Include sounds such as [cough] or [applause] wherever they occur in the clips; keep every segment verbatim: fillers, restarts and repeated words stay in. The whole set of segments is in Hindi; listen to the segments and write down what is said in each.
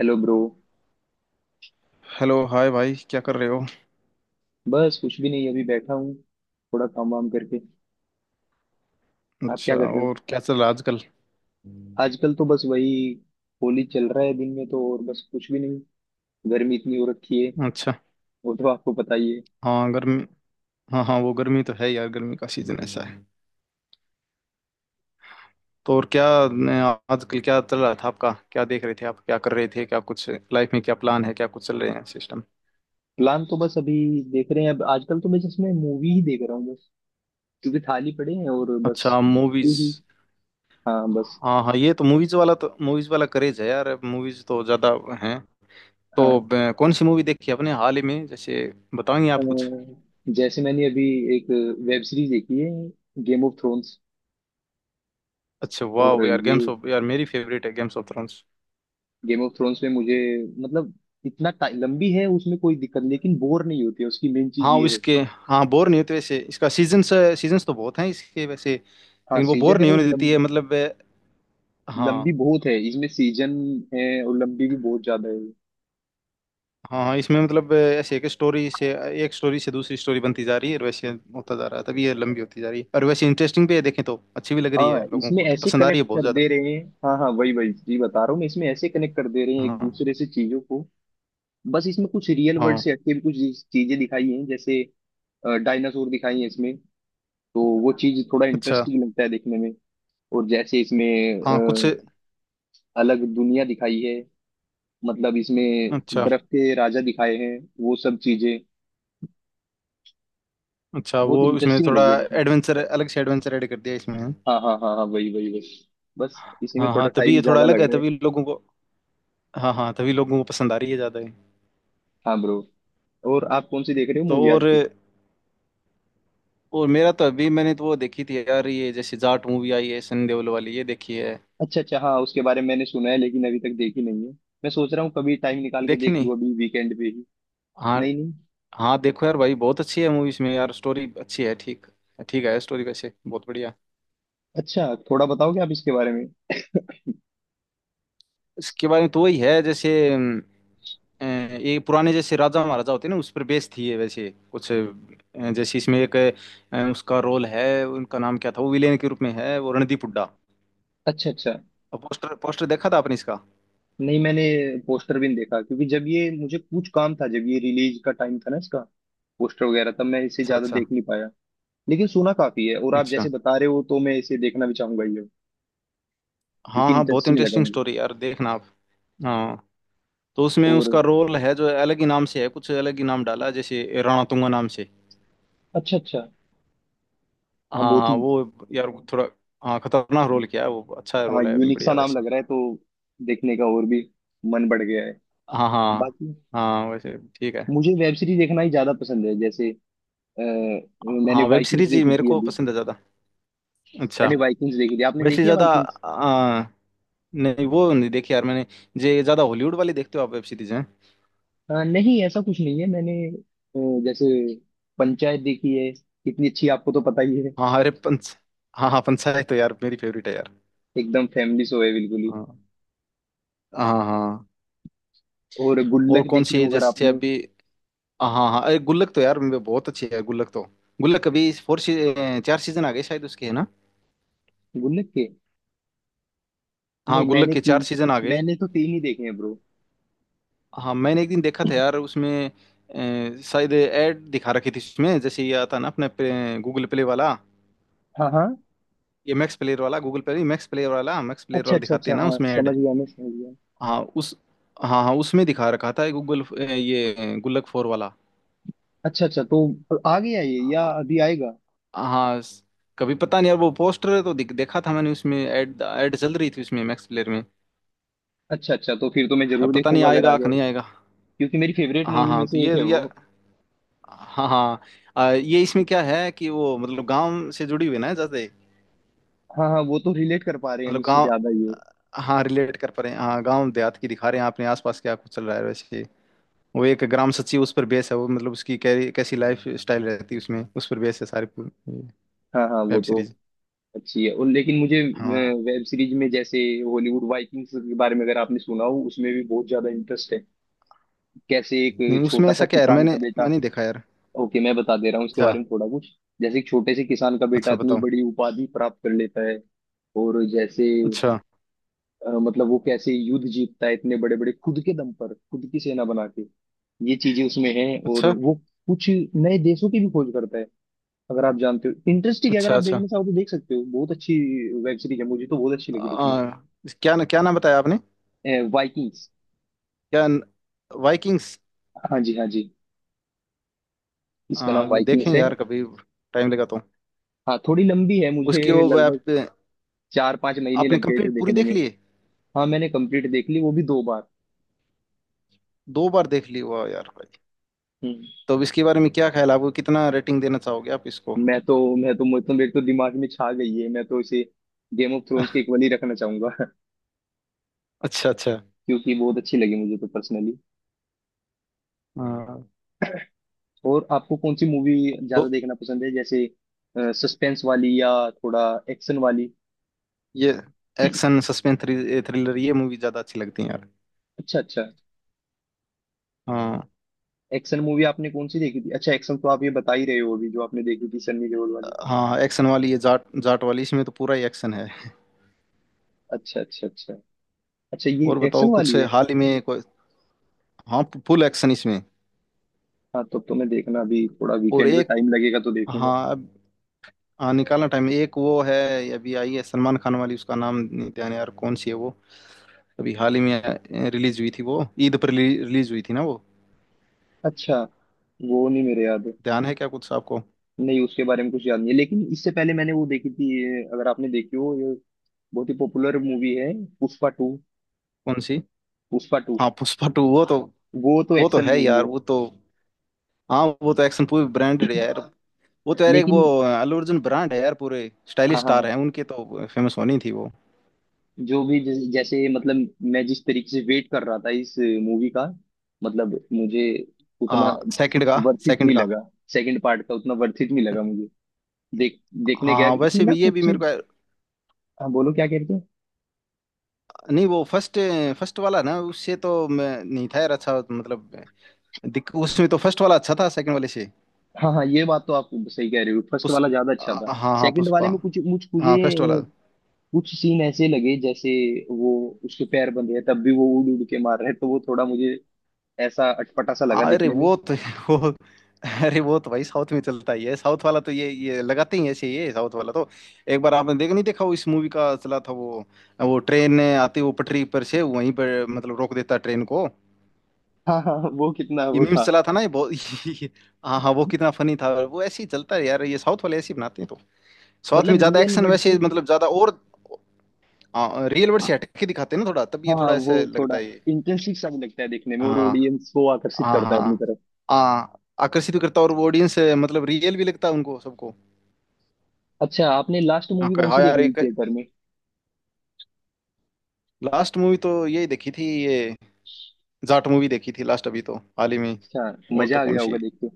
Hello bro. हेलो, हाय भाई, क्या कर रहे हो? बस कुछ भी नहीं, अभी बैठा हूँ, थोड़ा काम वाम करके। आप क्या अच्छा। कर रहे हो? और क्या चल रहा है आजकल? आजकल तो बस वही, होली चल रहा है दिन में, तो और बस कुछ भी नहीं। गर्मी इतनी हो रखी है, अच्छा। वो तो आपको पता ही है। हाँ, गर्मी। हाँ हाँ, वो गर्मी तो है यार, गर्मी का सीजन ऐसा है। तो और क्या। न- आजकल क्या चल रहा था आपका, क्या देख रहे थे आप, क्या कर रहे थे, क्या कुछ लाइफ में, क्या प्लान है, क्या कुछ चल रहे हैं सिस्टम? प्लान तो बस अभी देख रहे हैं। अब आजकल तो मैं जस्ट मैं मूवी ही देख रहा हूँ बस, क्योंकि थाली पड़े हैं और बस। अच्छा, मूवीज। हम्म। हाँ बस। हाँ हाँ, ये तो मूवीज वाला तो मूवीज वाला क्रेज है यार, मूवीज तो ज्यादा हैं। तो हाँ, ब- कौन सी मूवी देखी आपने हाल ही में, जैसे बताएंगे अ, आप कुछ? जैसे मैंने अभी एक वेब सीरीज देखी है, गेम ऑफ थ्रोन्स। अच्छा, और वाह यार, ये गेम्स ऑफ यार मेरी फेवरेट है games of thrones. Game of thrones में मुझे, मतलब इतना टाइ- लंबी है, उसमें कोई दिक्कत नहीं, लेकिन बोर नहीं होती है, उसकी मेन चीज हाँ, ये है। इसके। हाँ, बोर नहीं होते वैसे इसका सीजन्स सीजन्स तो बहुत हैं इसके वैसे, हाँ लेकिन वो सीजन बोर है नहीं और होने देती लंब, है मतलब। अ, लंबी हाँ बहुत है, इसमें सीजन है और लंबी भी बहुत ज्यादा है। हाँ हाँ, इसमें मतलब अ, ऐसे एक स्टोरी से एक स्टोरी से दूसरी स्टोरी बनती जा रही है, और वैसे होता जा रहा है तभी ये लंबी होती जा रही है। और वैसे इंटरेस्टिंग भी है, देखें तो अच्छी भी लग रही है, हाँ लोगों इसमें को तो ऐसे पसंद आ रही कनेक्ट है बहुत कर ज़्यादा। दे रहे हैं। हाँ हाँ, वही वही जी बता रहा हूँ मैं, इसमें ऐसे कनेक्ट कर दे रहे हैं एक दूसरे हाँ से चीजों को। बस इसमें कुछ रियल वर्ल्ड हाँ। से हटके भी कुछ चीजें दिखाई हैं। जैसे डायनासोर दिखाई है इसमें, तो वो चीज थोड़ा अच्छा। इंटरेस्टिंग लगता है देखने में। और जैसे इसमें हाँ, कुछ। अ, अलग दुनिया दिखाई है, मतलब इसमें अच्छा, बर्फ के राजा दिखाए हैं, वो सब चीजें अच्छा। वो बहुत इसमें इंटरेस्टिंग थोड़ा लगी है देखने में। एडवेंचर, अलग से एडवेंचर ऐड कर दिया इसमें। हाँ हाँ हाँ हाँ, वही वही वही, बस इसी में हाँ हाँ, थोड़ा तभी टाइम ये थोड़ा ज्यादा अलग लग है रहा है। तभी लोगों को। हाँ हाँ, तभी लोगों को पसंद आ रही है ज़्यादा है। हाँ ब्रो। और आप कौन सी देख रहे हो तो मूवी और। आजकल? और मेरा तो अभी मैंने तो वो देखी थी यार, ये जैसे जाट मूवी आई है सनी देओल वाली, ये देखी है। अच्छा अच्छा, हाँ उसके बारे में मैंने सुना है, लेकिन अभी तक देखी नहीं है। मैं सोच रहा हूँ कभी टाइम निकाल के देख देखनी। लूँ अभी वीकेंड पे ही। हाँ। नहीं नहीं। हाँ, देखो यार भाई बहुत अच्छी है मूवी, इसमें यार स्टोरी अच्छी है। ठीक ठीक है स्टोरी वैसे, बहुत बढ़िया। अच्छा थोड़ा बताओगे आप इसके बारे में? इसके बारे में तो वही है जैसे अम, अ, ये पुराने जैसे राजा महाराजा होते हैं ना, उस पर बेस्ड थी ये वैसे कुछ अ, जैसे इसमें एक अ, उसका रोल है। उनका नाम क्या था वो विलेन के रूप में है, वो रणदीप हुड्डा। अच्छा अच्छा। पोस्टर पोस्टर देखा था आपने इसका? नहीं मैंने पोस्टर भी नहीं देखा, क्योंकि जब ये मुझे कुछ काम था, जब ये रिलीज का टाइम था ना इसका पोस्टर वगैरह, तब मैं इसे अच्छा ज्यादा अच्छा, देख नहीं पाया। लेकिन सुना काफी है, और आप अच्छा। जैसे बता रहे हो तो मैं इसे देखना भी चाहूंगा ये, हाँ क्योंकि हाँ, बहुत इंटरेस्टिंग लगा इंटरेस्टिंग मुझे। स्टोरी यार, देखना आप। हाँ, तो उसमें और उसका रोल है जो अलग ही नाम से है, कुछ अलग ही नाम डाला है, जैसे रणतुंगा नाम से। अच्छा अच्छा। हाँ हाँ बहुत ही। हाँ, वो यार। थोड़ा। हाँ, खतरनाक रोल किया है वो, अच्छा हाँ रोल है यूनिक सा बढ़िया नाम वैसे। लग रहा है, तो देखने का और भी मन बढ़ गया है। हाँ हाँ। बाकी हाँ, वैसे ठीक है। मुझे वेब सीरीज देखना ही ज्यादा पसंद है। जैसे आ, मैंने हाँ, वेब वाइकिंग्स सीरीज ही देखी मेरे थी को अभी। पसंद है ज़्यादा। अच्छा। मैंने वाइकिंग्स देखी थी, आपने वैसे देखी है ज़्यादा। वाइकिंग्स? आ, नहीं वो नहीं देखी यार मैंने। जे ज़्यादा हॉलीवुड वाली देखते हो आप वेब सीरीज हैं? आ, नहीं ऐसा कुछ नहीं है, मैंने अ, जैसे पंचायत देखी है, कितनी अच्छी आपको तो पता ही है। हाँ हाँ, अरे पंच हाँ हाँ, पंचायत तो यार मेरी फेवरेट है यार। एकदम फैमिली शो है बिल्कुल ही। हाँ हाँ हाँ। और और गुल्लक कौन देखी सी है हो अगर जैसे आपने। अभी? हाँ हाँ, अरे गुल्लक तो यार मेरे बहुत अच्छी है गुल्लक तो। गुल्लक अभी फोर सी, चार सीजन आ गए शायद उसके, है ना? गुल्लक के, हाँ, नहीं गुल्लक मैंने के चार तीन, सीजन आ गए। मैंने तो तीन ही देखे हैं ब्रो। हाँ, मैंने एक दिन देखा था यार, उसमें अ, शायद ऐड दिखा रखी थी उसमें, जैसे ये आता ना अपने गूगल प्ले वाला। हाँ हाँ। ये मैक्स प्लेयर वाला, गूगल प्ले, मैक्स प्लेयर वाला मैक्स प्लेयर अच्छा वाला अच्छा दिखाते अच्छा, हैं ना हाँ उसमें ऐड। समझ गया, मैं समझ गया। हाँ, उस। हाँ हाँ, उसमें दिखा रखा था गूगल। ये गुल्लक फोर वाला। अच्छा अच्छा, तो आ गया ये या अभी आएगा? हाँ स- कभी पता नहीं यार, वो पोस्टर तो दिख- देखा था मैंने, उसमें ऐड ऐड चल रही थी उसमें मैक्स प्लेयर में। अच्छा अच्छा, तो फिर तो मैं अब जरूर पता नहीं देखूंगा अगर आ आएगा कि गया, नहीं आएगा। क्योंकि मेरी फेवरेट हाँ मूवी में हाँ, तो से एक ये है ये वो। हाँ हाँ। आ, ये इसमें क्या है कि वो मतलब गांव से जुड़ी हुई है ना जैसे। हाँ हाँ, वो तो रिलेट कर पा रहे हैं मतलब मुझसे गांव। ज्यादा ये। हाँ, रिलेट कर पा रहे हैं, हाँ गांव देहात की दिखा रहे हैं, अपने आसपास क्या कुछ चल रहा है वैसे। वो एक ग्राम सचिव उस पर बेस है वो, मतलब उसकी कै, कैसी लाइफ स्टाइल रहती है उसमें, उस पर बेस है सारी हाँ हाँ, वो वेब तो सीरीज। अच्छी है। और लेकिन मुझे हाँ। वेब सीरीज में जैसे हॉलीवुड वाइकिंग्स के बारे में अगर आपने सुना हो, उसमें भी बहुत ज्यादा इंटरेस्ट है। कैसे एक नहीं, उसमें छोटा सा ऐसा क्या है यार, किसान मैंने का बेटा। मैंने नहीं देखा यार। ओके मैं बता दे रहा हूँ इसके अच्छा। बारे में थोड़ा कुछ। जैसे एक छोटे से किसान का बेटा अच्छा, इतनी बताओ। बड़ी उपाधि प्राप्त कर लेता है। और जैसे अच्छा अ, मतलब वो कैसे युद्ध जीतता है इतने बड़े बड़े, खुद के दम पर खुद की सेना बना के। ये चीजें उसमें हैं। और अच्छा वो कुछ नए देशों की भी खोज करता है। अगर आप जानते हो, इंटरेस्टिंग है, अच्छा। अगर आप अच्छा। देखना चाहो तो देख सकते हो, बहुत अच्छी वेब सीरीज है, मुझे तो बहुत अच्छी लगी देखने आ, क्या क्या नाम बताया आपने? में। वाइकिंग्स। क्या? वाइकिंग्स। हाँ जी हाँ जी, इसका नाम हाँ, वो वाइकिंग्स देखेंगे है। यार कभी, टाइम लगा तो। हाँ थोड़ी लंबी है, उसकी मुझे वो लगभग वेब। चार पांच महीने आपने लग गए थे कंप्लीट पूरी देखने देख में। ली है? हाँ मैंने कंप्लीट देख ली, वो भी दो बार। दो बार देख ली, हुआ यार भाई! हम्म। तो अब इसके बारे में क्या ख्याल है आपको? कितना रेटिंग देना चाहोगे आप इसको? मैं तो मैं तो मुझे तो मेरे तो दिमाग में छा गई है, मैं तो इसे गेम ऑफ थ्रोन्स के [laughs] इक्वल ही रखना चाहूंगा [laughs] अच्छा, अच्छा। क्योंकि बहुत अच्छी लगी मुझे तो पर्सनली। हाँ। और आपको कौन सी मूवी ज्यादा तो देखना पसंद है? जैसे सस्पेंस वाली या थोड़ा एक्शन वाली? ये एक्शन, सस्पेंस, थ्रिलर, ये मूवी ज्यादा अच्छी लगती है यार। अच्छा अच्छा। हाँ। एक्शन मूवी आपने कौन सी देखी थी? अच्छा एक्शन तो आप ये बता ही रहे हो, अभी जो आपने देखी थी सन्नी देओल वाली। हाँ, एक्शन वाली ये जाट जाट वाली, इसमें तो पूरा ही एक्शन है। अच्छा अच्छा अच्छा। अच्छा ये और बताओ, एक्शन कुछ वाली है। हाल ही में कोई? हाँ, फुल एक्शन इसमें। हाँ तब तो, तो मैं देखना अभी थोड़ा और वीकेंड पे एक। टाइम लगेगा तो देखूंगा। हाँ हाँ, निकालना टाइम, एक वो है। अभी आई है सलमान खान वाली, उसका नाम नहीं ध्यान है यार, कौन सी है वो? अभी हाल ही में रिलीज हुई थी वो। ईद पर रिलीज हुई थी ना वो? अच्छा। वो नहीं मेरे याद। ध्यान है क्या कुछ आपको? नहीं उसके बारे में कुछ याद नहीं है, लेकिन इससे पहले मैंने वो देखी थी ये, अगर आपने देखी हो ये, बहुत ही पॉपुलर मूवी है, पुष्पा टू। कौन सी? पुष्पा टू, हाँ, पुष्पा टू। वो तो। वो तो वो तो एक्शन है मूवी यार, है। वो तो। हाँ, वो तो एक्शन पूरी ब्रांडेड है यार। वो तो यार, एक वो लेकिन अल्लू अर्जुन ब्रांड है यार, पूरे स्टाइलिश हाँ हाँ स्टार हाँ, हैं उनके, तो फेमस होनी थी वो। जो भी जैसे जैसे मतलब मैं जिस तरीके से वेट कर रहा था इस मूवी का, मतलब मुझे उतना हाँ, सेकंड का। वर्थित सेकंड नहीं का। लगा। सेकंड पार्ट का उतना वर्थित नहीं लगा मुझे। देख देखने हाँ गया हाँ, इसमें वैसे ना भी ये कुछ भी मेरे चीज। को। हाँ बोलो क्या कहते हैं। नहीं, वो फर्स्ट, फर्स्ट वाला ना, उससे तो मैं नहीं था यार, अच्छा मतलब दिक- उसमें तो फर्स्ट वाला अच्छा था सेकंड वाले से। हाँ हाँ ये बात तो आप सही कह रहे हो, फर्स्ट पुष वाला ज्यादा अच्छा था। आ- हाँ हाँ, सेकंड वाले पुष्पा। में कुछ मुझ हाँ, फर्स्ट वाला। मुझे कुछ सीन ऐसे लगे जैसे, वो उसके पैर बंधे हैं तब भी वो उड़ उड़ के मार रहे हैं, तो वो थोड़ा मुझे ऐसा अटपटा सा लगा अरे दिखने में। वो तो [laughs] वो। अरे वो तो भाई साउथ में चलता ही है, साउथ वाला तो ये ये लगाते ही ऐसे, ये साउथ वाला तो। एक बार आपने देख नहीं देखा वो, इस मूवी का चला था वो वो ट्रेन आती, वो पटरी पर से वहीं पर मतलब रोक देता ट्रेन को। हाँ हाँ, वो कितना ये वो था। मीम्स चला था ना ये बहुत। [laughs] हाँ हाँ, वो कितना फनी था वो! ऐसे ही चलता है यार, ये साउथ वाले ऐसे ही बनाते हैं तो। साउथ मतलब में ज्यादा रियल एक्शन वर्ड से। वैसे, मतलब ज्यादा, और रियल वर्ल्ड से हटके दिखाते हैं ना थोड़ा, तब ये हाँ थोड़ा वो ऐसे लगता थोड़ा है। इंटरेस्टिंग सा भी लगता है देखने में, हाँ और ऑडियंस को आकर्षित हाँ। करता है अपनी हाँ तरफ। हाँ, आकर्षित भी करता, और वो ऑडियंस मतलब रियल भी लगता है उनको सबको। अच्छा आपने लास्ट हाँ, मूवी कहे, कौन हाँ सी यार देखी थी एक, थिएटर में? लास्ट मूवी तो यही देखी थी ये, जाट मूवी देखी थी लास्ट अभी तो हाल ही में। अच्छा, और मजा तो आ कौन गया होगा सी? देख के।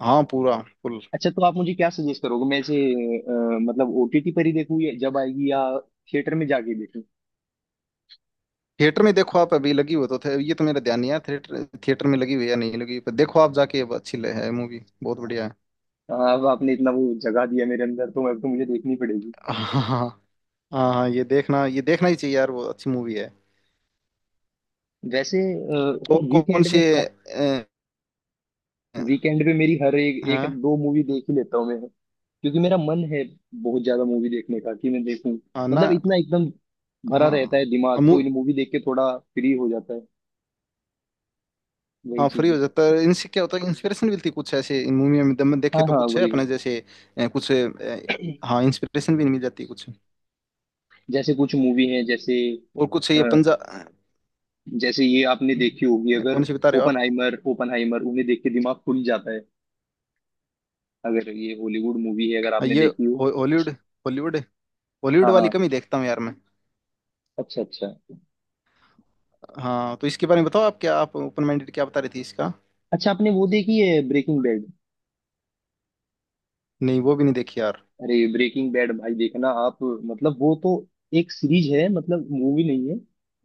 हाँ, पूरा। फुल। अच्छा तो आप मुझे क्या सजेस्ट करोगे, मैं इसे अ, मतलब ओटीटी पर ही देखूँ या जब आएगी, या थिएटर में जाके देखूँ? थिएटर में देखो आप, अभी लगी हुई तो थे ये, तो मेरा ध्यान नहीं है थिएटर थिएटर में लगी हुई या नहीं लगी हुई, पर देखो आप जाके अब, अच्छी ले- है मूवी, बहुत बढ़िया है। अब आपने इतना वो जगा दिया मेरे अंदर तो अब तो मुझे देखनी पड़ेगी। [laughs] हाँ। हाँ हाँ, ये देखना, ये देखना ही चाहिए यार, वो अच्छी मूवी है। वैसे और कौन वीकेंड सी पे, है? वीकेंड पे मेरी हर एक हाँ, एक दो मूवी देख ही लेता हूँ मैं, क्योंकि मेरा मन है बहुत ज्यादा मूवी देखने का, कि मैं देखूं। हाँ ना। मतलब इतना एकदम भरा रहता हाँ है दिमाग, तो इन मूवी देख के थोड़ा फ्री हो जाता है, वही हाँ, फ्री चीज है। हो जाता है इनसे, क्या होता है कि इंस्पिरेशन मिलती है कुछ ऐसे, इन मूवी में दम- देखे हाँ तो हाँ कुछ है वही वही। अपने जैसे। अ, कुछ अ, हाँ, इंस्पिरेशन भी मिल जाती है कुछ। जैसे कुछ मूवी हैं, जैसे और कुछ अ, ये पंजा अ, जैसे ये आपने देखी होगी अगर, कौन सी बता रहे हो आप? ओपनहाइमर। ओपनहाइमर उन्हें देख के दिमाग खुल जाता है, अगर ये हॉलीवुड मूवी है, अगर अ, आपने ये, देखी हो। हो- हॉलीवुड, हॉलीवुड, हॉलीवुड हाँ वाली हाँ। कम ही देखता हूँ यार मैं। अच्छा अच्छा हाँ, तो इसके बारे में बताओ आप, क्या आप ओपन माइंडेड, क्या बता रही थी इसका? अच्छा। आपने वो देखी है ब्रेकिंग बैड? नहीं, वो भी नहीं देखी यार। अरे ब्रेकिंग बैड भाई देखना आप, मतलब वो तो एक सीरीज है, मतलब मूवी नहीं है।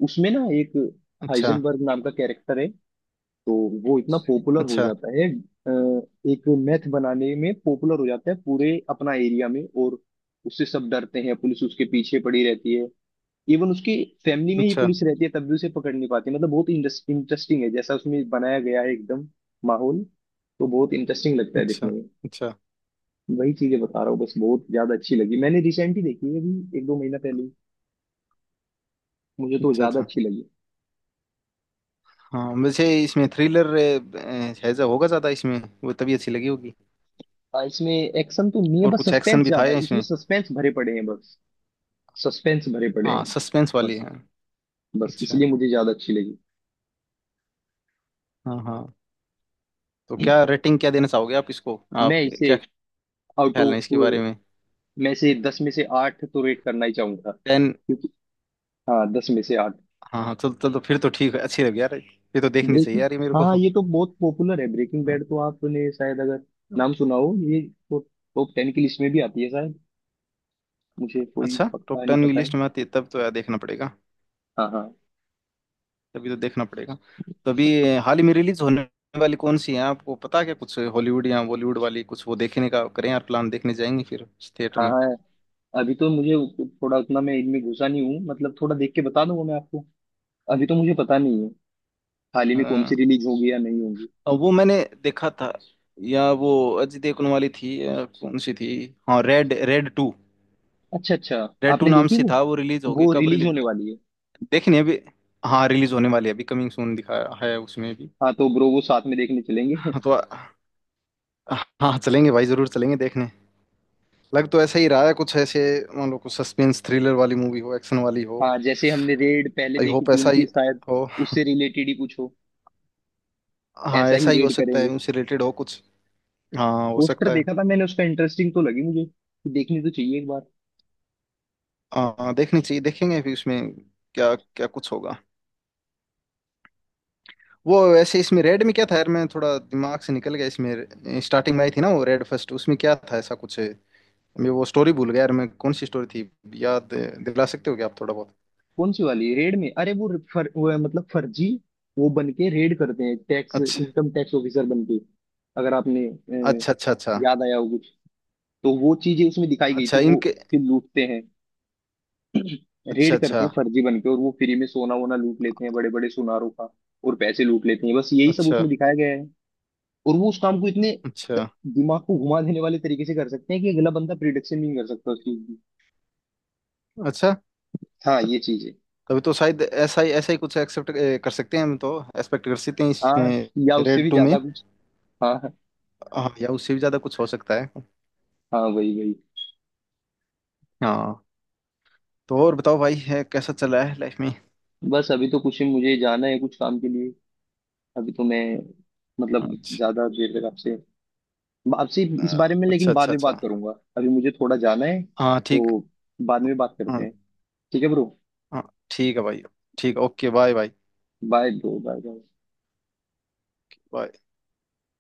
उसमें ना एक अच्छा, हाइजनबर्ग नाम का कैरेक्टर है, तो वो इतना पॉपुलर हो अच्छा, जाता है, अ, एक मैथ बनाने में पॉपुलर हो जाता है पूरे अपना एरिया में, और उससे सब डरते हैं, पुलिस उसके पीछे पड़ी रहती है। इवन उसके फैमिली में ही अच्छा। पुलिस रहती है, तब भी उसे पकड़ नहीं पाती, मतलब बहुत इंटरेस्टिंग है जैसा उसमें बनाया गया है एकदम माहौल, तो बहुत इंटरेस्टिंग लगता है अच्छा, देखने में। अच्छा, वही चीजें बता रहा हूँ बस, बहुत ज्यादा अच्छी लगी, मैंने रिसेंटली देखी है अभी एक दो महीना पहले ही। मुझे तो अच्छा, ज्यादा अच्छा। अच्छी लगी। हाँ, वैसे इसमें थ्रिलर है जो होगा ज्यादा इसमें, वो तभी अच्छी लगी होगी। आ, इसमें एक्शन तो नहीं है, और बस कुछ एक्शन सस्पेंस भी था ज्यादा है, इसमें इसमें? सस्पेंस भरे पड़े हैं बस। सस्पेंस भरे पड़े हैं हाँ, सस्पेंस वाली बस। है। बस अच्छा। इसलिए मुझे ज्यादा अच्छी लगी। हाँ हाँ। तो क्या रेटिंग, क्या देना चाहोगे आप इसको, आप मैं इसे क्या आउट ख्याल है ऑफ, इसके बारे में? में से दस में से आठ तो रेट करना ही चाहूंगा, टेन। क्योंकि, हाँ दस में से आठ। हाँ हाँ, चल चल तो फिर तो ठीक है, अच्छी लगी यार ये तो, देखनी चाहिए ब्रेकिंग, यार ये मेरे को, हाँ हाँ। ये तो बहुत पॉपुलर है ब्रेकिंग हाँ। बैड, तो आपने शायद अगर नाम सुना हो ये, तो टॉप टेन की लिस्ट में भी आती है शायद, मुझे कोई अच्छा, पक्का टॉप नहीं टेन की पता है। लिस्ट में आती है तब तो यार देखना पड़ेगा। हाँ हाँ तभी तो देखना पड़ेगा। तो अभी हाल ही में रिलीज होने वाली कौन सी है आपको पता है क्या कुछ, हॉलीवुड या बॉलीवुड वाली कुछ, वो देखने का करें यार प्लान, देखने जाएंगे फिर थिएटर हाँ। अभी तो मुझे थोड़ा उतना मैं इनमें घुसा नहीं हूँ, मतलब थोड़ा देख के बता दूंगा मैं आपको, अभी तो मुझे पता नहीं है हाल ही में कौन में। सी रिलीज होगी या नहीं होगी। और वो मैंने देखा था, या वो अजय देवगन वाली थी या कौन सी थी। हाँ, रेड, रेड टू। अच्छा अच्छा। रेड टू आपने नाम देखी से वो? था वो, रिलीज होगी वो कब रिलीज रिलीज? होने वाली है। देखनी है अभी। हाँ, रिलीज होने वाली है अभी, कमिंग सून दिखाया है उसमें भी। हाँ तो ब्रो वो साथ में देखने चलेंगे। हाँ, तो हाँ चलेंगे भाई, जरूर चलेंगे देखने। लग तो ऐसा ही रहा है कुछ ऐसे, मान लो कुछ सस्पेंस थ्रिलर वाली मूवी हो, एक्शन वाली [laughs] हो। हाँ, जैसे हमने रेड पहले आई देखी होप थी ऐसा ही उनकी शायद, हो। उससे रिलेटेड ही कुछ हो। हाँ, ऐसा ही ऐसा ही हो रेड सकता करेंगे। है, उनसे रिलेटेड हो कुछ। हाँ, हो पोस्टर सकता है। देखा था मैंने उसका, इंटरेस्टिंग तो लगी मुझे, देखनी तो चाहिए एक बार। हाँ, देखनी चाहिए, देखेंगे फिर उसमें क्या क्या कुछ होगा। वो वैसे इसमें रेड में क्या था यार, मैं थोड़ा दिमाग से निकल गया, इसमें स्टार्टिंग में आई थी ना वो रेड फर्स्ट, उसमें क्या था ऐसा कुछ है? मैं वो स्टोरी भूल गया यार, मैं कौन सी स्टोरी थी, याद दिला सकते हो क्या आप थोड़ा बहुत? कौन सी वाली रेड में? अरे वो, फर, वो है, मतलब फर्जी, वो बन के रेड करते हैं, टैक्स अच्छा, इनकम टैक्स ऑफिसर बन के। अगर आपने अ, अच्छा, अच्छा। अच्छा, याद आया हो कुछ, तो वो चीजें उसमें दिखाई गई अच्छा, थी। वो इनके। फिर लूटते हैं, अच्छा, रेड करते अच्छा, हैं फर्जी बन के, और वो फ्री में सोना वोना लूट लेते हैं बड़े बड़े सुनारों का, और पैसे लूट लेते हैं, बस यही सब अच्छा, उसमें दिखाया गया है। और वो उस काम को इतने अच्छा, दिमाग को घुमा देने वाले तरीके से कर सकते हैं कि अगला बंदा प्रिडिक्शन नहीं कर सकता उस चीज की। अच्छा। हाँ ये चीज है। तभी तो शायद ऐसा ही ऐसा ही कुछ एक्सेप्ट कर सकते हैं, हम तो एक्सपेक्ट कर सकते हैं हाँ इसमें या उससे रेड भी टू में। ज्यादा कुछ। हाँ हाँ हाँ, या उससे भी ज्यादा कुछ हो सकता है। हाँ, वही वही। हाँ। तो और बताओ भाई, है कैसा चल रहा है लाइफ में? बस अभी तो कुछ ही, मुझे जाना है कुछ काम के लिए। अभी तो मैं, मतलब अच्छा। ज्यादा देर तक आपसे, आपसे अ, इस बारे में अच्छा, लेकिन बाद अच्छा, में बात अच्छा। करूंगा। अभी मुझे थोड़ा जाना है, हाँ, ठीक। तो बाद में बात करते हाँ। हैं। ठीक है ब्रो। हाँ। ठीक है भाई। ठीक है, okay, bye bye. Bye bro, bye. Bye.